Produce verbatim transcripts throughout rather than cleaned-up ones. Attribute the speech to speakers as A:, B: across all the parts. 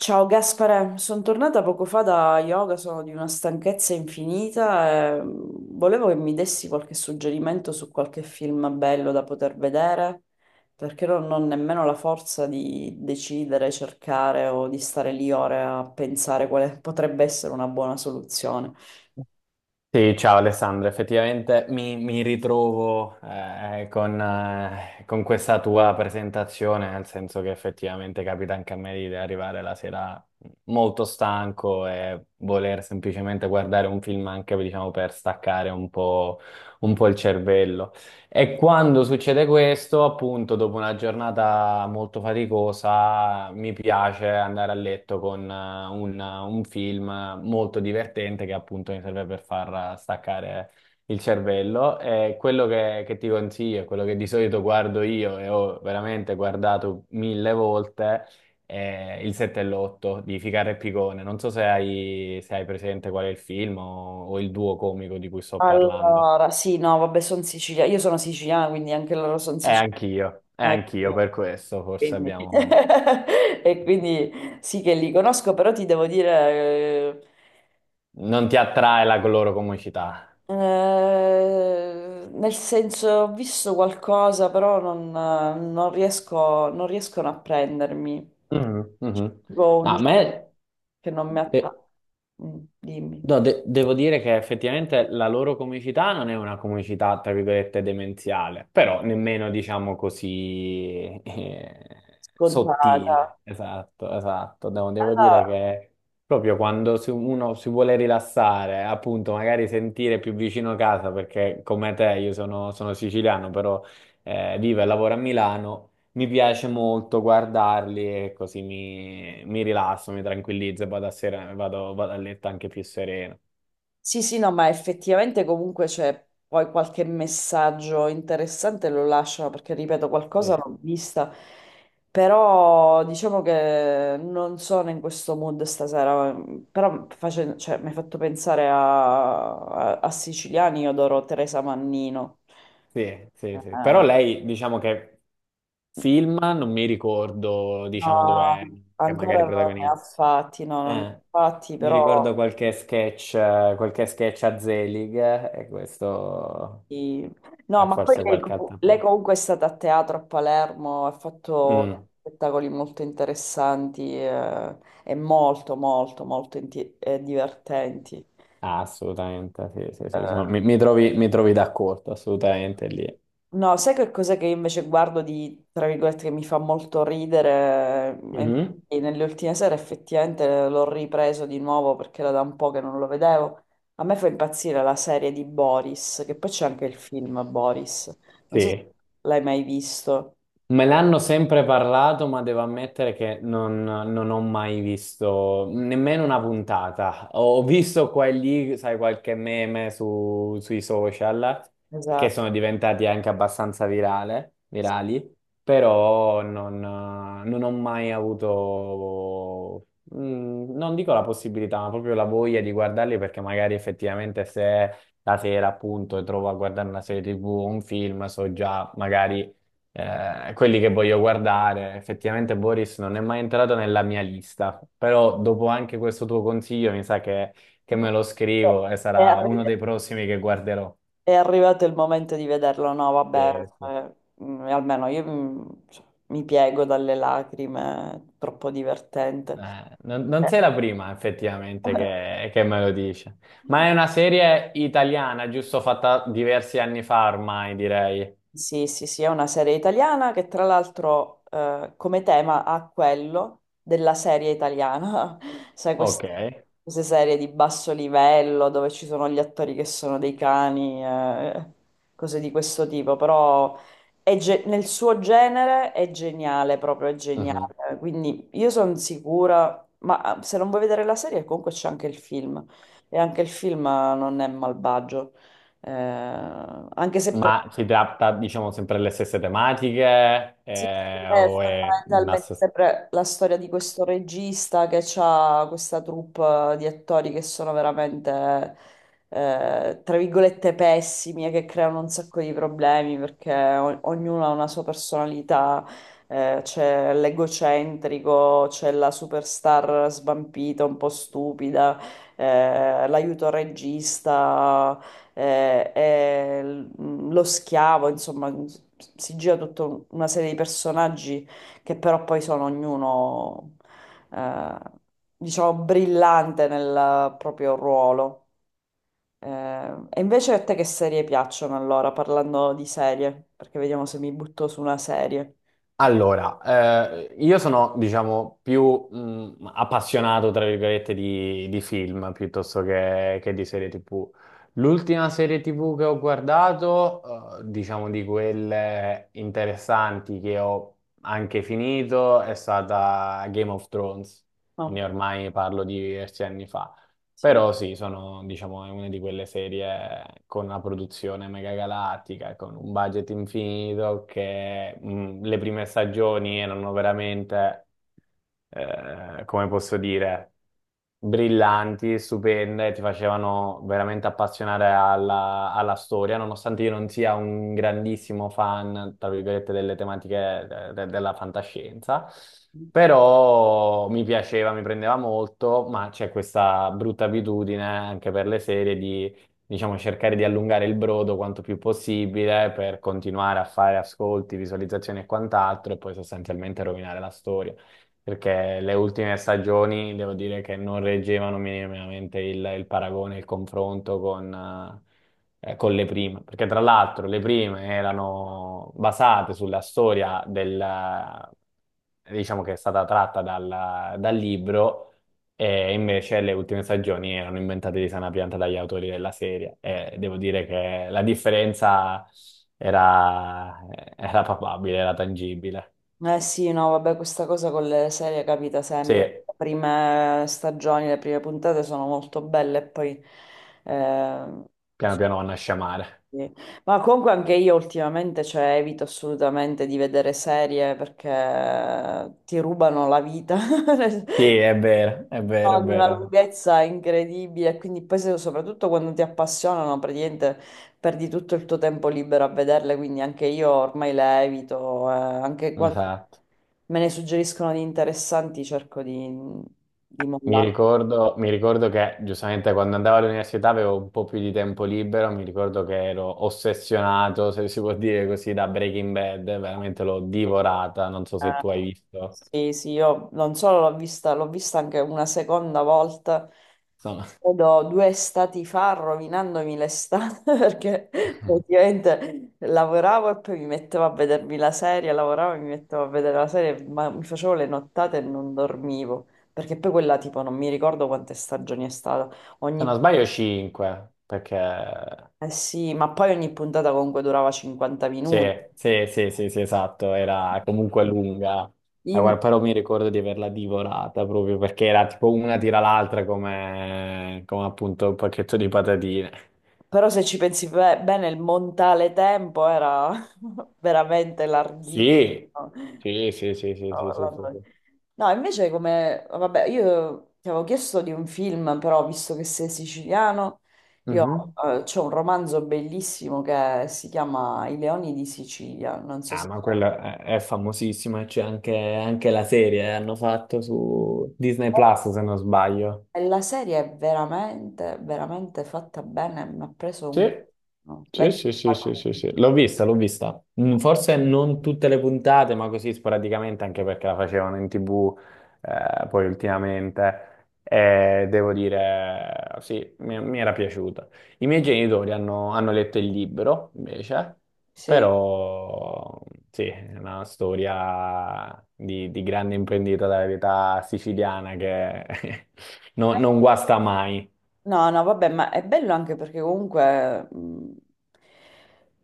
A: Ciao Gaspare, sono tornata poco fa da yoga, sono di una stanchezza infinita e mm, volevo che mi dessi qualche suggerimento su qualche film bello da poter vedere, perché non ho nemmeno la forza di decidere, cercare o di stare lì ore a pensare quale potrebbe essere una buona soluzione.
B: Sì, ciao Alessandro, effettivamente mi, mi ritrovo eh, con, eh, con questa tua presentazione, nel senso che effettivamente capita anche a me di arrivare la sera molto stanco e voler semplicemente guardare un film anche diciamo, per staccare un po', un po' il cervello. E quando succede questo, appunto, dopo una giornata molto faticosa, mi piace andare a letto con eh, un, un film molto divertente che appunto mi serve per far staccare il cervello. E quello che, che ti consiglio, quello che di solito guardo io e ho veramente guardato mille volte, è Il sette e l'otto di Ficarra e Picone. Non so se hai, se hai presente qual è il film o o il duo comico di cui sto parlando.
A: Allora, sì, no, vabbè, sono siciliana, io sono siciliana, quindi anche loro sono
B: E
A: siciliani.
B: anch'io, e anch'io per questo forse abbiamo...
A: E quindi sì che li conosco, però ti devo dire... eh,
B: Non ti attrae la loro comicità.
A: Eh, nel senso, ho visto qualcosa, però non, non riesco, non riescono a prendermi.
B: Mhm, mhm.
A: Tipo
B: No,
A: un
B: a
A: gioco
B: me...
A: che non mi
B: eh,
A: attacca. Mm, Dimmi.
B: No, de- devo dire che effettivamente la loro comicità non è una comicità, tra virgolette, demenziale, però nemmeno, diciamo così, eh,
A: Scontata.
B: sottile. Esatto, esatto. Devo, devo dire
A: Allora,
B: che proprio quando si- uno si vuole rilassare, appunto, magari sentire più vicino casa, perché come te io sono, sono siciliano, però eh, vivo e lavoro a Milano, mi piace molto guardarli e così mi, mi rilasso, mi tranquillizzo e vado a, sera- vado, vado a letto anche più sereno.
A: sì, sì, no, ma effettivamente comunque c'è poi qualche messaggio interessante lo lasciano perché, ripeto,
B: Sì,
A: qualcosa l'ho vista, però diciamo che non sono in questo mood stasera, però face- cioè, mi hai fatto pensare a, a- a Siciliani, io adoro Teresa Mannino.
B: sì, sì, sì. Però
A: Eh,
B: lei, diciamo che film, non mi ricordo, diciamo, dov'è
A: no,
B: che
A: ancora
B: magari
A: non ne ha
B: protagonista.
A: fatti, no, non ne ha
B: Eh,
A: fatti,
B: mi
A: però...
B: ricordo qualche sketch, eh, qualche sketch a Zelig eh, e questo
A: Sì. No,
B: è
A: ma poi
B: forse
A: lei,
B: qualche altra
A: lei
B: cosa.
A: comunque è stata a teatro a Palermo, ha fatto
B: Mm,
A: spettacoli molto interessanti eh, e molto, molto, molto inti- eh, divertenti.
B: ah, assolutamente, sì, sì, sì, sono- mi, mi trovi, mi trovi d'accordo, assolutamente lì.
A: No, sai che cosa che io invece guardo di, tra virgolette, che mi fa molto ridere? E
B: Mhm.
A: infatti nelle ultime sere effettivamente l'ho ripreso di nuovo perché era da un po' che non lo vedevo. A me fa impazzire la serie di Boris, che poi c'è anche il film Boris. Non so se
B: Sì.
A: l'hai mai visto.
B: Me l'hanno sempre parlato, ma devo ammettere che non, non ho mai visto nemmeno una puntata. Ho visto qua e lì, sai, qualche meme su- sui social che
A: Esatto.
B: sono diventati anche abbastanza virale- virali, però non, non ho mai avuto, mm, non dico la possibilità, ma proprio la voglia di guardarli perché magari effettivamente se la sera appunto trovo a guardare una serie ti vu o un film, so già magari eh, quelli che voglio guardare. Effettivamente Boris non è mai entrato nella mia lista, però dopo anche questo tuo consiglio mi sa che, che me lo scrivo e
A: È
B: sarà
A: arri-
B: uno dei prossimi che guarderò.
A: è arrivato il momento di vederlo, no,
B: Sì,
A: vabbè,
B: sì.
A: cioè, mm, almeno io mm, cioè, mi piego dalle lacrime, è troppo divertente.
B: Eh, non, non
A: Eh.
B: sei la prima effettivamente che, che me lo dice, ma è una serie italiana, giusto fatta diversi anni fa ormai, direi.
A: Sì, sì, sì, è una serie italiana che tra l'altro eh, come tema ha quello della serie italiana, sai,
B: Ok.
A: quest- queste, serie di basso livello dove ci sono gli attori che sono dei cani, eh, cose di questo tipo, però è ge- nel suo genere è geniale, proprio è
B: Mhm.
A: geniale, quindi io sono sicura, ma eh, se non vuoi vedere la serie comunque c'è anche il film e anche il film eh, non è malvagio. Eh, Anche se pre-
B: Ma si tratta, diciamo, sempre delle stesse tematiche,
A: Sì, sì,
B: eh,
A: è
B: o è una...
A: fondamentalmente pre- la storia di questo regista che ha questa troupe di attori che sono veramente, eh, tra virgolette, pessimi e che creano un sacco di problemi perché o- ognuno ha una sua personalità, eh, c'è l'egocentrico, c'è la superstar svampita, un po' stupida, eh, l'aiuto regista eh, eh, l- mm, lo schiavo, insomma, mm, s- si gira tutta un- una serie di personaggi che però poi sono ognuno, eh, diciamo, brillante nel proprio ruolo. Eh, e invece a te che serie piacciono allora, parlando di serie? Perché vediamo se mi butto su una serie.
B: Allora, eh, io sono, diciamo, più mh, appassionato, tra virgolette, di, di film piuttosto che, che di serie ti vu. L'ultima serie ti vu che ho guardato, eh, diciamo di quelle interessanti che ho anche finito, è stata Game of Thrones. Quindi
A: Ok,
B: ormai parlo di diversi anni fa.
A: sì.
B: Però sì, sono, diciamo, è una di quelle serie con una produzione megagalattica, con un budget infinito, che mh, le prime stagioni erano veramente, eh, come posso dire, brillanti, stupende, ti facevano veramente appassionare alla, alla storia, nonostante io non sia un grandissimo fan, tra virgolette, delle tematiche de- de- della fantascienza. Però mi piaceva, mi prendeva molto, ma c'è questa brutta abitudine anche per le serie di, diciamo, cercare di allungare il brodo quanto più possibile per continuare a fare ascolti, visualizzazioni e quant'altro, e poi sostanzialmente rovinare la storia. Perché le ultime stagioni devo dire che non reggevano minimamente il, il paragone, il confronto con, eh, eh, con le prime, perché tra l'altro le prime erano basate sulla storia del, eh, diciamo che è stata tratta dal, dal libro, e invece le ultime stagioni erano inventate di sana pianta dagli autori della serie. E devo dire che la differenza era, era palpabile, era tangibile.
A: Eh sì, no, vabbè, questa cosa con le serie capita
B: Sì,
A: sempre. Le prime stagioni, le prime puntate sono molto belle e poi... eh,
B: piano piano vanno a sciamare.
A: sì. Ma comunque anche io ultimamente, cioè, evito assolutamente di vedere serie perché ti rubano la vita.
B: Sì, è vero, è vero,
A: No,
B: è
A: di una
B: vero.
A: lunghezza incredibile, quindi poi se- soprattutto quando ti appassionano, praticamente perdi tutto il tuo tempo libero a vederle, quindi anche io ormai le evito, eh, anche quando
B: Esatto.
A: me ne suggeriscono di interessanti cerco di, di
B: Mi
A: mollare.
B: ricordo, mi ricordo che giustamente quando andavo all'università avevo un po' più di tempo libero, mi ricordo che ero ossessionato, se si può dire così, da Breaking Bad, veramente l'ho divorata, non so se tu
A: Eh,
B: hai visto.
A: sì, sì, io non solo l'ho vista, l'ho vista anche una seconda volta,
B: Sono-
A: credo due estati fa, rovinandomi l'estate, perché praticamente lavoravo e poi mi mettevo a vedermi la serie, lavoravo e mi mettevo a vedere la serie, ma mi facevo le nottate e non dormivo, perché poi quella tipo non mi ricordo quante stagioni è stata,
B: se non
A: ogni,
B: sbaglio cinque, perché
A: eh sì, ma poi ogni puntata comunque durava cinquanta
B: sì,
A: minuti.
B: sì, sì, sì, sì, esatto, era comunque lunga. Ma guarda, però mi ricordo di averla divorata proprio perché era tipo una tira l'altra come, come appunto un pacchetto di patatine.
A: Però se ci pensi be- bene, il montale tempo era veramente larghissimo.
B: Sì,
A: No,
B: sì, sì, sì, sì, sì, sì,
A: Orlando-
B: sì,
A: no,
B: sì.
A: No, invece come... Vabbè, io ti avevo chiesto di un film, però visto che sei siciliano, io
B: Mhm.
A: eh, c'ho un romanzo bellissimo che si chiama I Leoni di Sicilia. Non so
B: Ah,
A: se...
B: ma quella è, è famosissima, c'è anche, anche la serie, eh, hanno fatto su Disney Plus, se non sbaglio.
A: E la serie è veramente, veramente fatta bene. Mi ha preso un...
B: Sì,
A: no, l'hai
B: sì, sì, sì, sì,
A: guardata?
B: sì, sì. L'ho vista, l'ho vista. Mm, forse non tutte le puntate, ma così sporadicamente, anche perché la facevano in ti vu, eh, poi ultimamente. E devo dire, sì, mi, mi era piaciuta. I miei genitori hanno, hanno letto il libro, invece,
A: Sì.
B: però sì, è una storia di, di grande imprendita della vita siciliana che non non guasta mai.
A: No, no, vabbè, ma è bello anche perché comunque mh,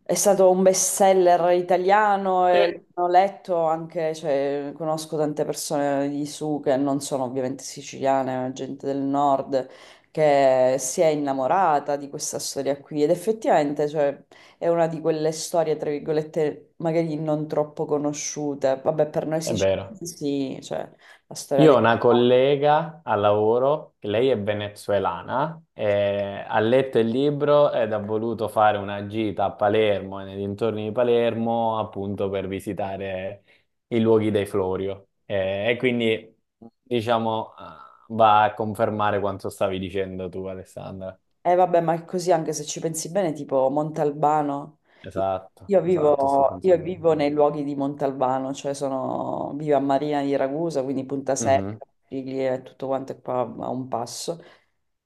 A: è stato un best seller italiano
B: Sì.
A: e l'ho letto anche, cioè, conosco tante persone di su che non sono ovviamente siciliane, ma gente del nord che si è innamorata di questa storia qui ed effettivamente, cioè, è una di quelle storie, tra virgolette, magari non troppo conosciute. Vabbè, per noi
B: È vero.
A: siciliani sì, cioè, la storia
B: Io
A: dei...
B: ho una collega al lavoro, che lei è venezuelana, e ha letto il libro ed ha voluto fare una gita a Palermo e nei dintorni di Palermo appunto per visitare i luoghi dei Florio. Eh, E, quindi, diciamo, eh, va a confermare quanto stavi dicendo tu, Alessandra.
A: Eh vabbè, ma è così anche se ci pensi bene, tipo Montalbano. Io
B: Esatto,
A: io
B: esatto, sto
A: vivo, io
B: pensando
A: vivo
B: proprio a
A: nei luoghi di Montalbano, cioè sono, vivo a Marina di Ragusa, quindi Punta
B: quello. Mhm.
A: Secca, Piglia e tutto quanto è qua a un passo.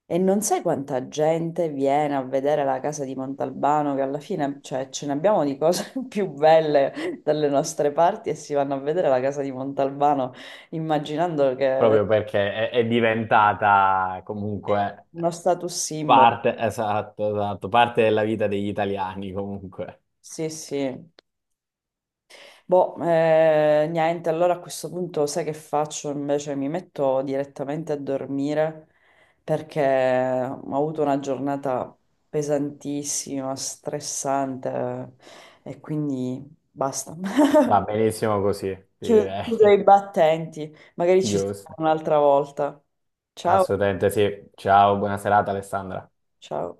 A: E non sai quanta gente viene a vedere la casa di Montalbano, che alla fine, cioè, ce ne abbiamo di cose più belle dalle nostre parti e si vanno a vedere la casa di Montalbano immaginando che è
B: Proprio perché è, è diventata comunque...
A: uno status symbol.
B: Parte, esatto, esatto, parte della vita degli italiani comunque.
A: Sì, sì. Boh, eh, niente, allora a questo punto sai che faccio? Invece mi metto direttamente a dormire perché ho avuto una giornata pesantissima, stressante e quindi basta.
B: Va benissimo così,
A: Chiudo, chiudo i
B: direi.
A: battenti, magari ci sentiamo
B: Giusto.
A: un'altra volta. Ciao,
B: Assolutamente sì. Ciao, buona serata Alessandra.
A: ciao.